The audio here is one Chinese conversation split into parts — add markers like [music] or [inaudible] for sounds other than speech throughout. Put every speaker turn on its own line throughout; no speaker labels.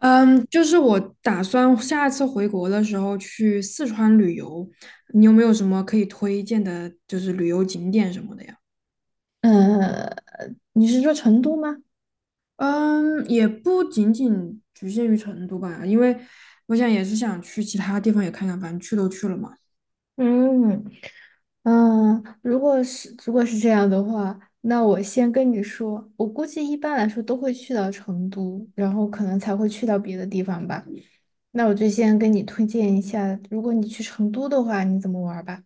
嗯，就是我打算下次回国的时候去四川旅游，你有没有什么可以推荐的，就是旅游景点什么的呀？
呃，你是说成都吗？
嗯，也不仅仅局限于成都吧，因为我想也是想去其他地方也看看，反正去都去了嘛。
嗯。嗯，如果是这样的话，那我先跟你说，我估计一般来说都会去到成都，然后可能才会去到别的地方吧。那我就先跟你推荐一下，如果你去成都的话，你怎么玩儿吧？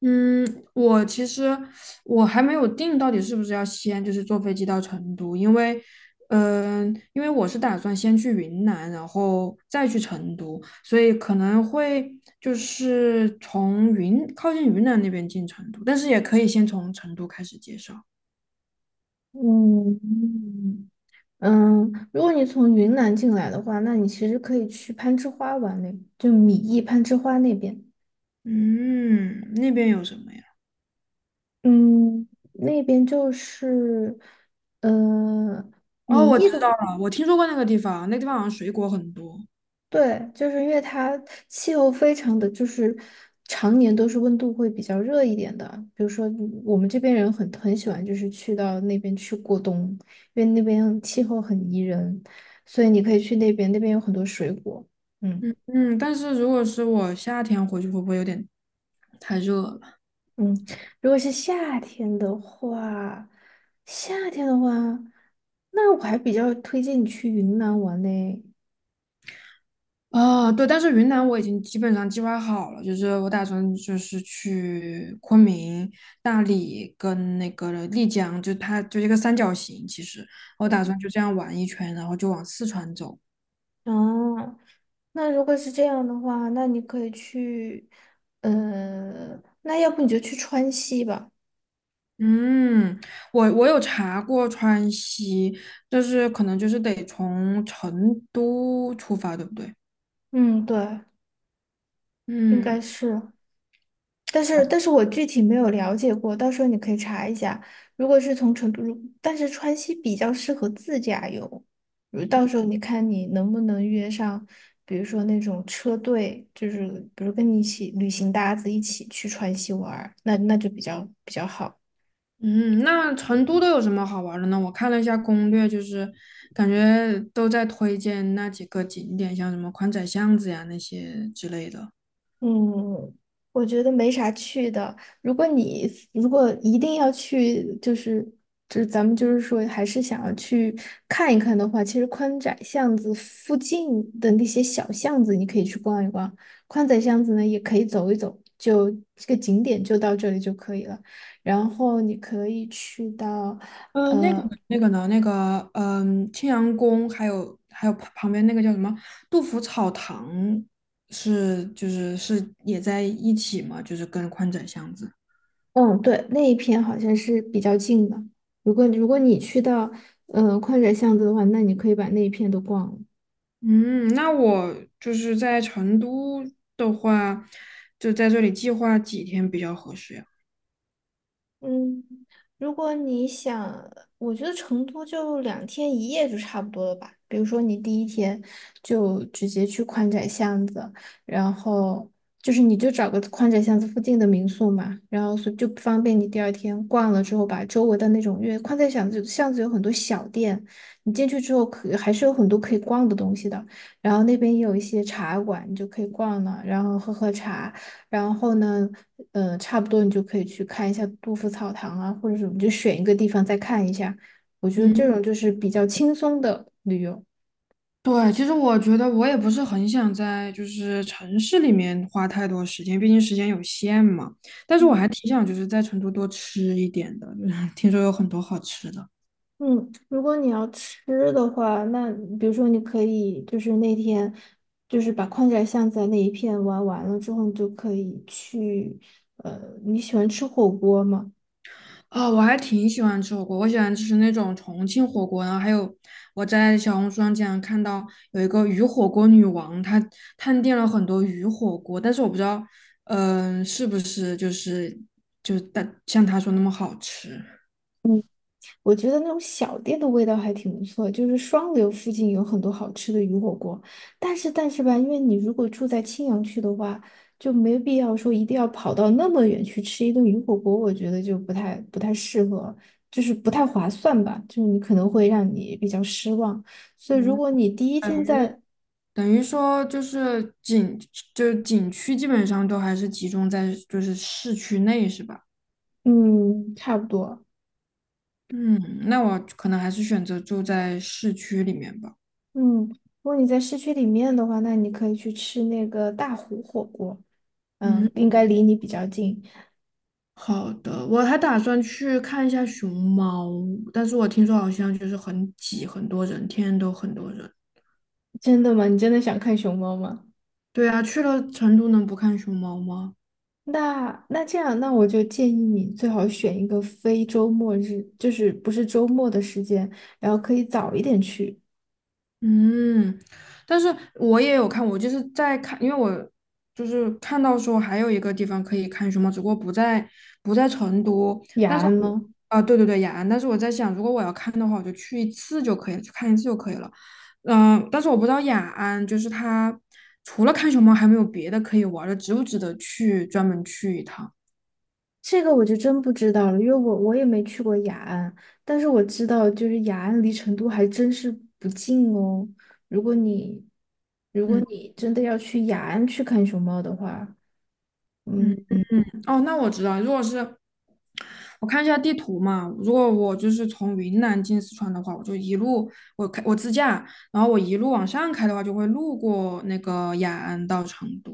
我其实还没有定到底是不是要先就是坐飞机到成都，嗯、因为我是打算先去云南，然后再去成都，所以可能会就是从云靠近云南那边进成都，但是也可以先从成都开始介绍。
嗯。嗯，如果你从云南进来的话，那你其实可以去攀枝花玩嘞，就米易攀枝花那边。
嗯，那边有什么呀？
嗯，那边就是，呃，
哦，
米
我知
易的，
道了，我听说过那个地方，那个地方好像水果很多。
对，就是因为它气候非常的就是常年都是温度会比较热一点的，比如说我们这边人很喜欢就是去到那边去过冬，因为那边气候很宜人，所以你可以去那边，那边有很多水果。嗯。
嗯，但是如果是我夏天回去，会不会有点太热了？
嗯，如果是夏天的话，夏天的话，那我还比较推荐你去云南玩呢。
啊，对，但是云南我已经基本上计划好了，就是我打算就是去昆明、大理跟那个丽江，就它就一个三角形，其实我打算就这样玩一圈，然后就往四川走。
哦，那如果是这样的话，那你可以去，那要不你就去川西吧。
嗯，我有查过川西，但是可能就是得从成都出发，对不对？
嗯，对，应
嗯。
该是，但是
好。
但是我具体没有了解过，到时候你可以查一下。如果是从成都，如但是川西比较适合自驾游，如到时候你看你能不能约上，比如说那种车队，就是比如跟你一起旅行搭子一起去川西玩儿，那就比较好。
嗯，那成都都有什么好玩儿的呢？我看了一下攻略，就是感觉都在推荐那几个景点，像什么宽窄巷子呀那些之类的。
嗯，我觉得没啥去的。如果你如果一定要去，就是就是咱们就是说，还是想要去看一看的话，其实宽窄巷子附近的那些小巷子，你可以去逛一逛。宽窄巷子呢，也可以走一走，就这个景点就到这里就可以了。然后你可以去到，
呃，那个那个呢，那个嗯，青羊宫，还有旁边那个叫什么杜甫草堂是，就是是也在一起嘛，就是跟宽窄巷子。
嗯，对，那一片好像是比较近的。如果你去到，嗯、宽窄巷子的话，那你可以把那一片都逛了。
嗯，那我就是在成都的话，就在这里计划几天比较合适呀？
嗯，如果你想，我觉得成都就两天一夜就差不多了吧。比如说你第一天就直接去宽窄巷子，然后就是你就找个宽窄巷子附近的民宿嘛，然后所以就方便你第二天逛了之后，把周围的那种，因为宽窄巷子有很多小店，你进去之后可还是有很多可以逛的东西的。然后那边也有一些茶馆，你就可以逛了，然后喝喝茶。然后呢，差不多你就可以去看一下杜甫草堂啊，或者什么，就选一个地方再看一下。我觉得这
嗯。
种就是比较轻松的旅游。
对，其实我觉得我也不是很想在就是城市里面花太多时间，毕竟时间有限嘛。但是我
嗯。
还挺想就是在成都多吃一点的，[laughs] 就是听说有很多好吃的。
嗯，如果你要吃的话，那比如说你可以就是那天就是把宽窄巷子那一片玩完了之后，你就可以去，你喜欢吃火锅吗？
啊、我还挺喜欢吃火锅，我喜欢吃那种重庆火锅，然后还有我在小红书上经常看到有一个鱼火锅女王，她探店了很多鱼火锅，但是我不知道，是不是就是就但像她说那么好吃。
我觉得那种小店的味道还挺不错，就是双流附近有很多好吃的鱼火锅，但是吧，因为你如果住在青羊区的话，就没必要说一定要跑到那么远去吃一顿鱼火锅，我觉得就不太适合，就是不太划算吧，就是你可能会让你比较失望。所以如果
嗯，
你第一天在，
等于说就是景区基本上都还是集中在就是市区内，是吧？
嗯，差不多。
嗯，那我可能还是选择住在市区里面吧。
嗯，如果你在市区里面的话，那你可以去吃那个大湖火锅，嗯，
嗯，
应该离你比较近。
好的，我还打算去看一下熊猫，但是我听说好像就是很挤，很多人，天天都很多人。
真的吗？你真的想看熊猫吗？
对啊，去了成都能不看熊猫吗？
那这样，那我就建议你最好选一个非周末日，就是不是周末的时间，然后可以早一点去。
嗯，但是我也有看，我就是在看，因为我就是看到说还有一个地方可以看熊猫，只不过不在成都，
雅
但是
安
我
吗？
对对对，雅安，但是我在想，如果我要看的话，我就去一次就可以了，去看一次就可以了。但是我不知道雅安就是它除了看熊猫还没有别的可以玩儿的，值不值得去专门去一趟？
这个我就真不知道了，因为我也没去过雅安，但是我知道就是雅安离成都还真是不近哦。如果你如果
嗯，
你真的要去雅安去看熊猫的话，嗯。
哦，那我知道，如果是我看一下地图嘛，如果我就是从云南进四川的话，我就一路我自驾，然后我一路往上开的话，就会路过那个雅安到成都。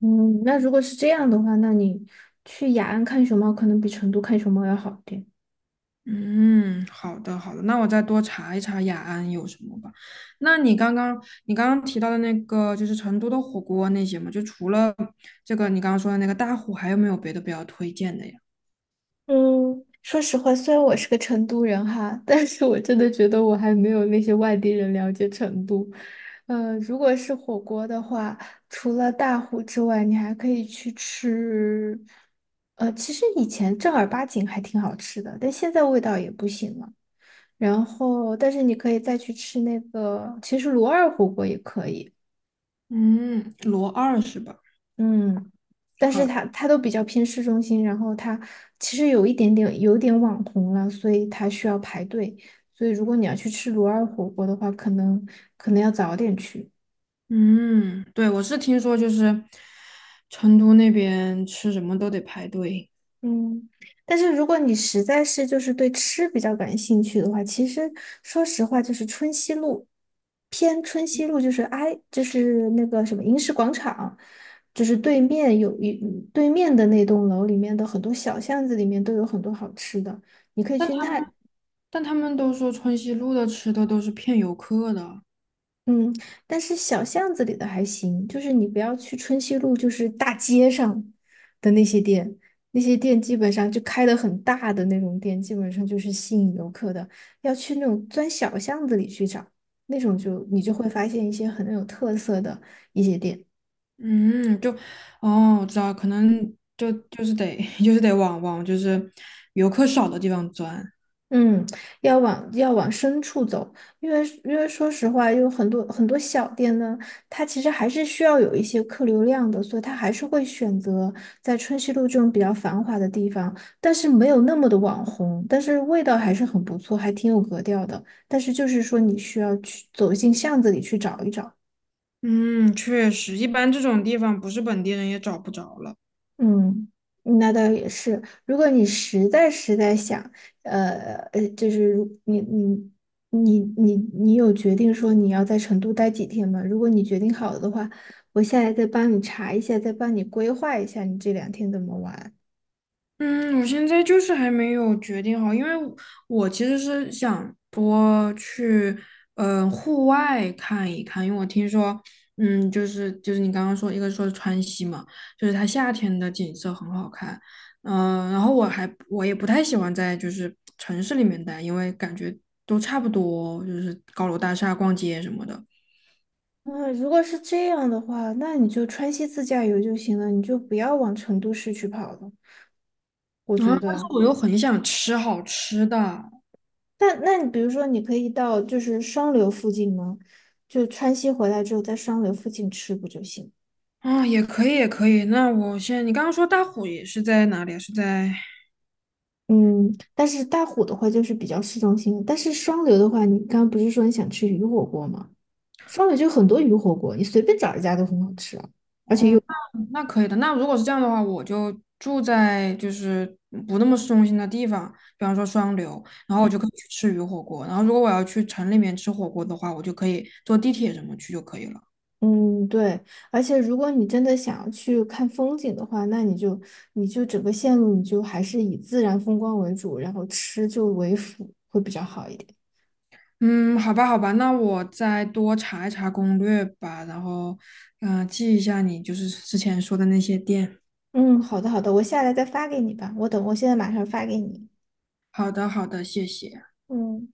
嗯，那如果是这样的话，那你去雅安看熊猫可能比成都看熊猫要好一点。
嗯，好的好的，那我再多查一查雅安有什么吧。那你刚刚提到的那个就是成都的火锅那些嘛，就除了这个你刚刚说的那个大虎，还有没有别的比较推荐的呀？
嗯，说实话，虽然我是个成都人哈，但是我真的觉得我还没有那些外地人了解成都。呃，如果是火锅的话，除了大虎之外，你还可以去吃。呃，其实以前正儿八经还挺好吃的，但现在味道也不行了。然后，但是你可以再去吃那个，其实罗二火锅也可以。
嗯，罗二是吧？
嗯，但是
好。
他都比较偏市中心，然后他其实有一点点有点网红了，所以他需要排队。所以如果你要去吃罗尔火锅的话，可能要早点去。
嗯，对，我是听说就是成都那边吃什么都得排队，
嗯，但是如果你实在是就是对吃比较感兴趣的话，其实说实话，就是春熙路偏春熙路，就是挨就是那个什么银石广场，就是对面有一对面的那栋楼里面的很多小巷子里面都有很多好吃的，你可以
但
去
他
那。
但他们都说春熙路的吃的都是骗游客的。
嗯，但是小巷子里的还行，就是你不要去春熙路，就是大街上的那些店，那些店基本上就开的很大的那种店，基本上就是吸引游客的。要去那种钻小巷子里去找，那种就你就会发现一些很有特色的一些店。
嗯，就哦，我知道，可能就是得 [laughs] 就是得往就是游客少的地方钻。
嗯，要往深处走，因为说实话，有很多小店呢，它其实还是需要有一些客流量的，所以它还是会选择在春熙路这种比较繁华的地方，但是没有那么的网红，但是味道还是很不错，还挺有格调的。但是就是说，你需要去走进巷子里去找一找。
嗯，确实，一般这种地方不是本地人也找不着了。
嗯，那倒也是。如果你实在想，呃就是如你有决定说你要在成都待几天吗？如果你决定好了的话，我下来再帮你查一下，再帮你规划一下你这两天怎么玩。
嗯，我现在就是还没有决定好，因为我其实是想多去，户外看一看，因为我听说，嗯，就是你刚刚说，一个说川西嘛，就是它夏天的景色很好看，然后我也不太喜欢在就是城市里面待，因为感觉都差不多，就是高楼大厦、逛街什么的。
嗯，如果是这样的话，那你就川西自驾游就行了，你就不要往成都市区跑了。我
然后，
觉
但是
得，
我又很想吃好吃的，
那那你比如说，你可以到就是双流附近吗？就川西回来之后，在双流附近吃不就行了。
啊、也可以，也可以。那我先，你刚刚说大虎也是在哪里啊？是在，
嗯，但是大虎的话就是比较市中心，但是双流的话，你刚刚不是说你想吃鱼火锅吗？双流就很多鱼火锅，你随便找一家都很好吃啊。
嗯那可以的。那如果是这样的话，我就住在就是不那么市中心的地方，比方说双流，然后我就可以去吃鱼火锅。然后如果我要去城里面吃火锅的话，我就可以坐地铁什么去就可以了。
嗯，对，而且如果你真的想要去看风景的话，那你就你就整个线路你就还是以自然风光为主，然后吃就为辅，会比较好一点。
嗯，好吧，好吧，那我再多查一查攻略吧，然后，记一下你就是之前说的那些店。
嗯，好的好的，我下来再发给你吧，我等我现在马上发给你。
好的，好的，谢谢。
嗯。